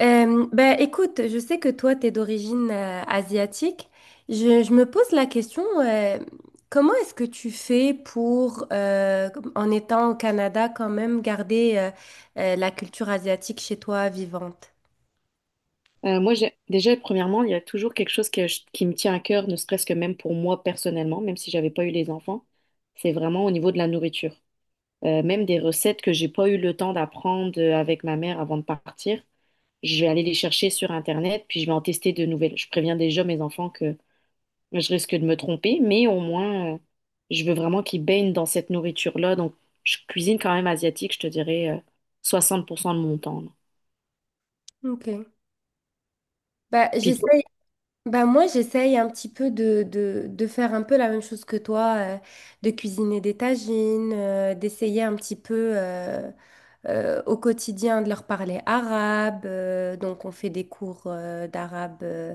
Écoute, je sais que toi, tu es d'origine asiatique. Je me pose la question, comment est-ce que tu fais pour, en étant au Canada, quand même garder la culture asiatique chez toi vivante? Moi, déjà, premièrement, il y a toujours quelque chose que qui me tient à cœur, ne serait-ce que même pour moi personnellement, même si j'avais pas eu les enfants, c'est vraiment au niveau de la nourriture. Même des recettes que j'ai pas eu le temps d'apprendre avec ma mère avant de partir, je vais aller les chercher sur Internet, puis je vais en tester de nouvelles. Je préviens déjà mes enfants que je risque de me tromper, mais au moins, je veux vraiment qu'ils baignent dans cette nourriture-là. Donc, je cuisine quand même asiatique, je te dirais, 60% de mon temps. Là. Ok. Bah, Puis j'essaye, Moi, j'essaye un petit peu de faire un peu la même chose que toi, de cuisiner des tagines, d'essayer un petit peu au quotidien de leur parler arabe. Donc, on fait des cours d'arabe.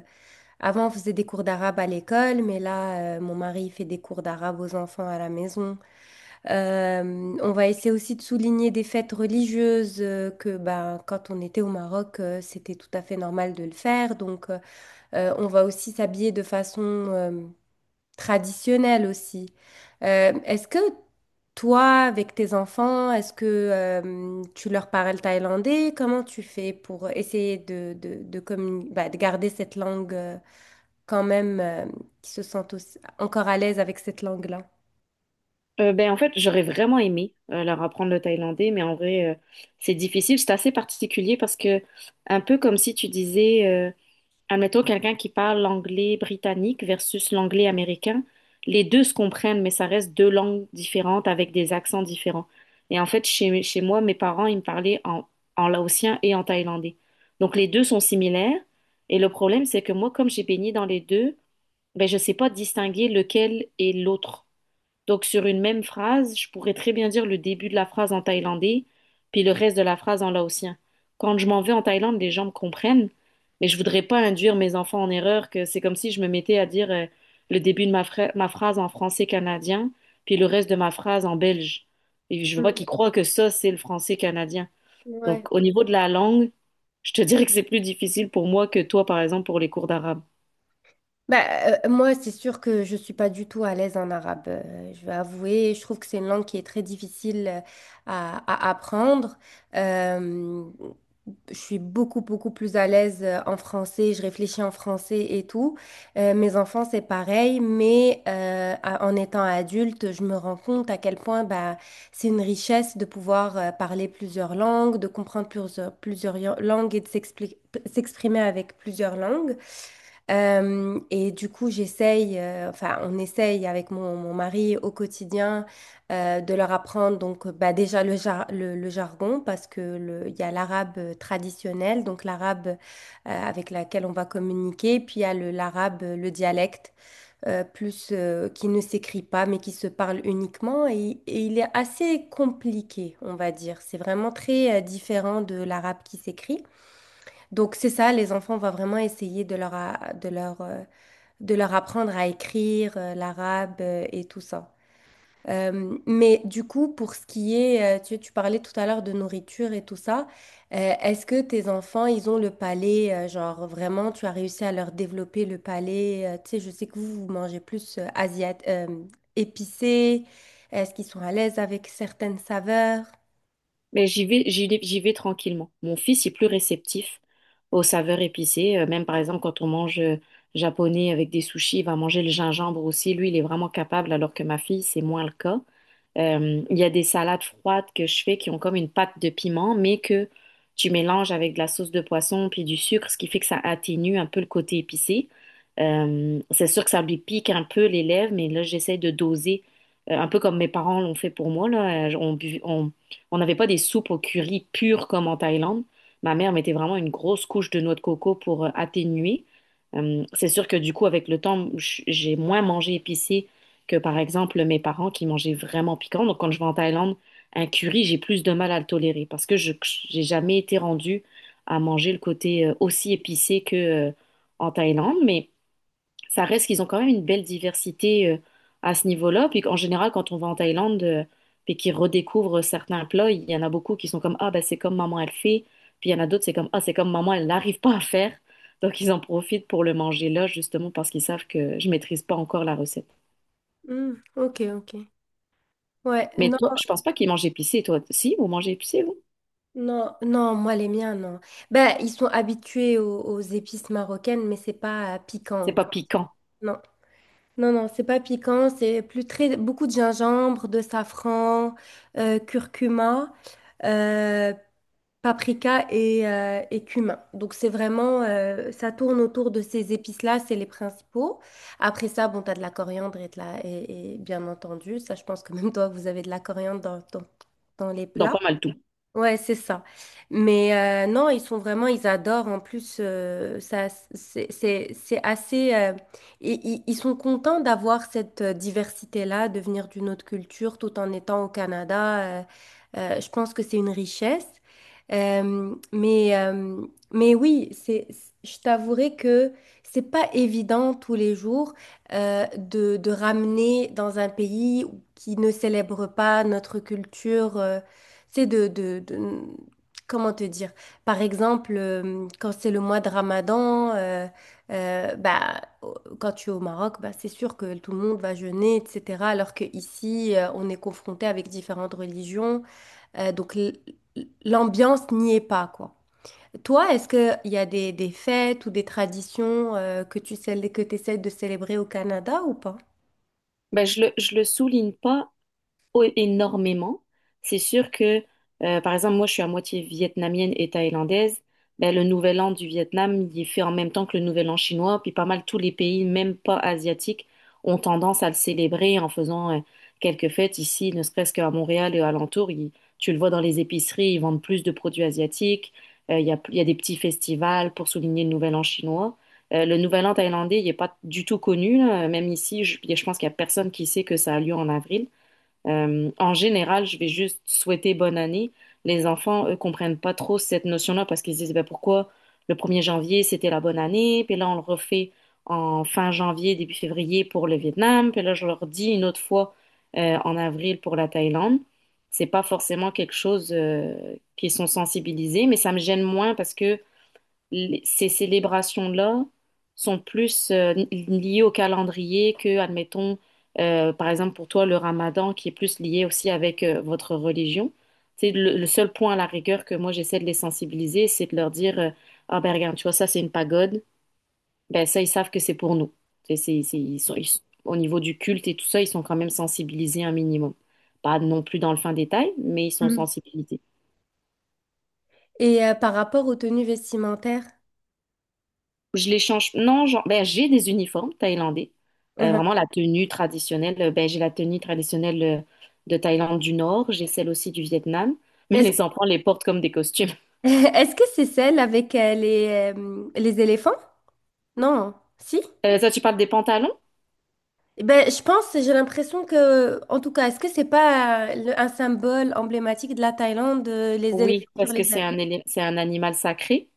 Avant, on faisait des cours d'arabe à l'école, mais là, mon mari fait des cours d'arabe aux enfants à la maison. On va essayer aussi de souligner des fêtes religieuses que, ben, quand on était au Maroc, c'était tout à fait normal de le faire. Donc, on va aussi s'habiller de façon traditionnel aussi. Est-ce que toi, avec tes enfants, est-ce que tu leur parles thaïlandais? Comment tu fais pour essayer bah, de garder cette langue quand même, euh, qu'ils se sentent encore à l'aise avec cette langue-là? En fait, j'aurais vraiment aimé leur apprendre le thaïlandais, mais en vrai, c'est difficile. C'est assez particulier parce que, un peu comme si tu disais, admettons quelqu'un qui parle l'anglais britannique versus l'anglais américain, les deux se comprennent, mais ça reste deux langues différentes avec des accents différents. Et en fait, chez moi, mes parents, ils me parlaient en laotien et en thaïlandais. Donc, les deux sont similaires. Et le problème, c'est que moi, comme j'ai baigné dans les deux, ben, je sais pas distinguer lequel est l'autre. Donc, sur une même phrase, je pourrais très bien dire le début de la phrase en thaïlandais, puis le reste de la phrase en laotien. Quand je m'en vais en Thaïlande, les gens me comprennent, mais je voudrais pas induire mes enfants en erreur, que c'est comme si je me mettais à dire le début de ma phrase en français canadien, puis le reste de ma phrase en belge. Et je veux pas Mhm. qu'ils croient que ça, c'est le français canadien. Ouais. Donc, au niveau de la langue, je te dirais que c'est plus difficile pour moi que toi, par exemple, pour les cours d'arabe. Bah, moi, c'est sûr que je suis pas du tout à l'aise en arabe. Je vais avouer, je trouve que c'est une langue qui est très difficile à, à apprendre. Euh, je suis beaucoup, beaucoup plus à l'aise en français, je réfléchis en français et tout. Mes enfants, c'est pareil, mais en étant adulte, je me rends compte à quel point bah, c'est une richesse de pouvoir parler plusieurs langues, de comprendre plusieurs, plusieurs langues et de s'exprimer avec plusieurs langues. Et du coup, j'essaye, enfin, on essaye avec mon mari au quotidien de leur apprendre donc bah, déjà le jargon parce que il y a l'arabe traditionnel, donc l'arabe avec laquelle on va communiquer, puis il y a l'arabe, le dialecte, plus qui ne s'écrit pas mais qui se parle uniquement et il est assez compliqué, on va dire. C'est vraiment très différent de l'arabe qui s'écrit. Donc c'est ça, les enfants, on va vraiment essayer de de leur apprendre à écrire l'arabe et tout ça. Mais du coup, pour ce qui est, tu parlais tout à l'heure de nourriture et tout ça, est-ce que tes enfants, ils ont le palais, genre vraiment, tu as réussi à leur développer le palais, tu sais, je sais que vous, vous mangez plus asiat épicé, est-ce qu'ils sont à l'aise avec certaines saveurs? Mais j'y vais tranquillement. Mon fils est plus réceptif aux saveurs épicées. Même par exemple, quand on mange japonais avec des sushis, il va manger le gingembre aussi. Lui, il est vraiment capable, alors que ma fille, c'est moins le cas. Il y a des salades froides que je fais qui ont comme une pâte de piment, mais que tu mélanges avec de la sauce de poisson puis du sucre, ce qui fait que ça atténue un peu le côté épicé. C'est sûr que ça lui pique un peu les lèvres, mais là, j'essaie de doser, un peu comme mes parents l'ont fait pour moi, là. On n'avait pas des soupes au curry pures comme en Thaïlande. Ma mère mettait vraiment une grosse couche de noix de coco pour atténuer. C'est sûr que du coup, avec le temps, j'ai moins mangé épicé que par exemple mes parents qui mangeaient vraiment piquant. Donc quand je vais en Thaïlande, un curry, j'ai plus de mal à le tolérer parce que je j'ai jamais été rendue à manger le côté aussi épicé que euh, en Thaïlande, mais ça reste qu'ils ont quand même une belle diversité à ce niveau-là. Puis en général, quand on va en Thaïlande puis qu'ils redécouvrent certains plats, il y en a beaucoup qui sont comme ah ben c'est comme maman elle fait, puis il y en a d'autres c'est comme ah c'est comme maman elle n'arrive pas à faire. Donc ils en profitent pour le manger là justement parce qu'ils savent que je maîtrise pas encore la recette. Hmm, ok, ok. Ouais, Mais non, toi, je pense pas qu'il mange épicé. Toi, si, vous mangez épicé, vous? non, non, moi les miens, non. Ben, ils sont habitués aux épices marocaines, mais c'est pas C'est piquant. pas piquant Non, non, non, c'est pas piquant, c'est plus très beaucoup de gingembre, de safran, curcuma, euh, paprika et et cumin. Donc c'est vraiment, ça tourne autour de ces épices-là, c'est les principaux. Après ça, bon, t'as de la coriandre et et, bien entendu, ça je pense que même toi, vous avez de la coriandre dans les dans plats. pas mal tout. Ouais, c'est ça. Mais non, ils sont vraiment, ils adorent. En plus, ça, c'est assez. Ils sont contents d'avoir cette diversité-là, de venir d'une autre culture tout en étant au Canada. Je pense que c'est une richesse. Euh, mais, euh, mais oui, c'est, je t'avouerai que c'est pas évident tous les jours de ramener dans un pays qui ne célèbre pas notre culture. C'est de- Comment te dire? Par exemple, quand c'est le mois de Ramadan, bah, quand tu es au Maroc, bah, c'est sûr que tout le monde va jeûner, etc. Alors qu'ici, on est confronté avec différentes religions. euh, donc, l- L'ambiance n'y est pas, quoi. Toi, est-ce qu'il y a des fêtes ou des traditions que tu que t'essaies de célébrer au Canada ou pas? Ben, je le souligne pas énormément. C'est sûr que, par exemple, moi, je suis à moitié vietnamienne et thaïlandaise. Ben, le nouvel an du Vietnam, il est fait en même temps que le nouvel an chinois. Puis pas mal tous les pays, même pas asiatiques, ont tendance à le célébrer en faisant quelques fêtes ici, ne serait-ce qu'à Montréal et alentour. Tu le vois dans les épiceries, ils vendent plus de produits asiatiques. Il y a des petits festivals pour souligner le nouvel an chinois. Le nouvel an thaïlandais, il n'est pas du tout connu, là. Même ici, je pense qu'il n'y a personne qui sait que ça a lieu en avril. En général, je vais juste souhaiter bonne année. Les enfants, eux, comprennent pas trop cette notion-là parce qu'ils se disent, ben, pourquoi le premier janvier, c'était la bonne année, puis là, on le refait en fin janvier, début février pour le Vietnam, puis là, je leur dis une autre fois en avril pour la Thaïlande. C'est pas forcément quelque chose qui sont sensibilisés, mais ça me gêne moins parce que ces célébrations-là sont plus liées au calendrier que, admettons, par exemple pour toi, le Ramadan qui est plus lié aussi avec votre religion. C'est le seul point à la rigueur que moi j'essaie de les sensibiliser, c'est de leur dire ah ben regarde, tu vois ça c'est une pagode, ben ça ils savent que c'est pour nous. Ils sont au niveau du culte et tout ça, ils sont quand même sensibilisés un minimum. Pas non plus dans le fin détail, mais ils sont Mm. sensibilisés. Et par rapport aux tenues vestimentaires, Je les change. Non, genre, ben, j'ai des uniformes thaïlandais. Mhm. Vraiment la tenue traditionnelle. Ben, j'ai la tenue traditionnelle de Thaïlande du Nord. J'ai celle aussi du Vietnam. Mais est-ce les enfants les portent comme des costumes. Est-ce que c'est celle avec les éléphants? Non, si? Ça, tu parles des pantalons? Eh ben, je pense, j'ai l'impression que, en tout cas, est-ce que c'est pas un symbole emblématique de la Thaïlande, les Oui, éléphants sur parce les que ailes? c'est c'est un animal sacré.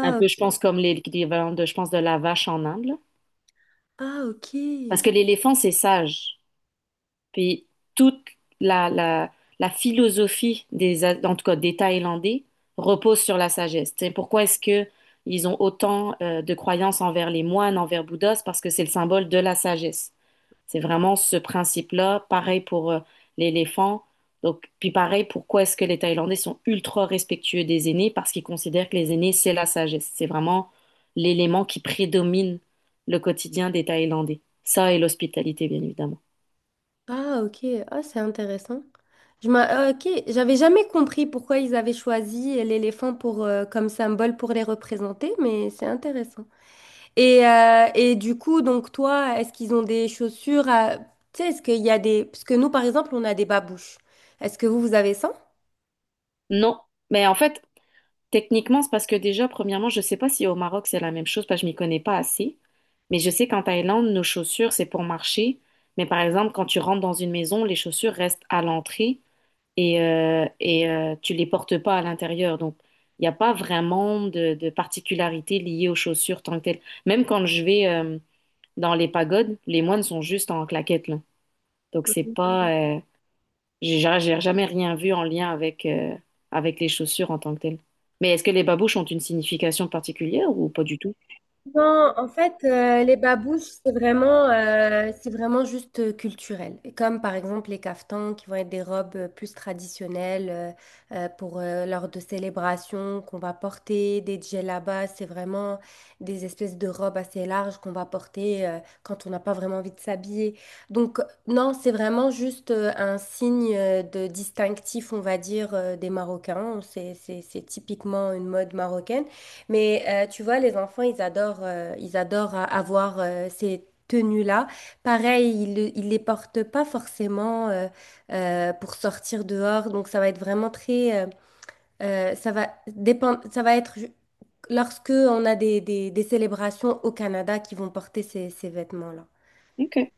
Un peu, je pense, comme l'équivalent de, je pense, de la vache en Inde. Là. ah, ok. Parce que l'éléphant, c'est sage. Puis toute la, la- la philosophie des, en tout cas des Thaïlandais repose sur la sagesse. Tu sais, pourquoi est-ce que ils ont autant de croyances envers les moines, envers Bouddha? C'est parce que c'est le symbole de la sagesse. C'est vraiment ce principe-là. Pareil pour l'éléphant. Donc, puis pareil, pourquoi est-ce que les Thaïlandais sont ultra respectueux des aînés? Parce qu'ils considèrent que les aînés, c'est la sagesse. C'est vraiment l'élément qui prédomine le quotidien des Thaïlandais. Ça et l'hospitalité, bien évidemment. Ah, ok. Ah, c'est intéressant. Ah, ok, j'avais jamais compris pourquoi ils avaient choisi l'éléphant pour, comme symbole pour les représenter, mais c'est intéressant. Et du coup, donc toi, est-ce qu'ils ont des chaussures à... Tu sais, est-ce qu'il y a des... Parce que nous, par exemple, on a des babouches. Est-ce que vous, vous avez ça? Non, mais en fait, techniquement, c'est parce que déjà, premièrement, je sais pas si au Maroc c'est la même chose, parce que je m'y connais pas assez. Mais je sais qu'en Thaïlande, nos chaussures, c'est pour marcher. Mais par exemple, quand tu rentres dans une maison, les chaussures restent à l'entrée et tu les portes pas à l'intérieur. Donc, il n'y a pas vraiment de particularité liée aux chaussures tant que telles. Même quand je vais dans les pagodes, les moines sont juste en claquettes, là. Donc, c'est pas, j'ai jamais rien vu en lien avec, avec les chaussures en tant que telles. Mais est-ce que les babouches ont une signification particulière ou pas du tout? Non, en fait, les babouches, c'est vraiment juste culturel. Et comme par exemple les caftans, qui vont être des robes plus traditionnelles pour lors de célébrations qu'on va porter, des djellabas, c'est vraiment des espèces de robes assez larges qu'on va porter quand on n'a pas vraiment envie de s'habiller. Donc non, c'est vraiment juste un signe de distinctif, on va dire, des Marocains. C'est typiquement une mode marocaine. Mais tu vois, les enfants, ils adorent avoir ces tenues-là. Pareil, ils les portent pas forcément pour sortir dehors. Donc, ça va être vraiment très, ça va dépendre, ça va être lorsque on a des, des célébrations au Canada qui vont porter ces, ces vêtements-là. Ok.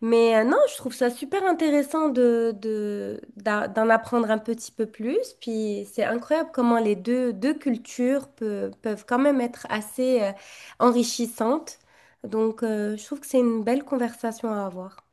Mais non, je trouve ça super intéressant de, d'en apprendre un petit peu plus. Puis c'est incroyable comment les deux, deux cultures peuvent quand même être assez enrichissantes. Donc je trouve que c'est une belle conversation à avoir.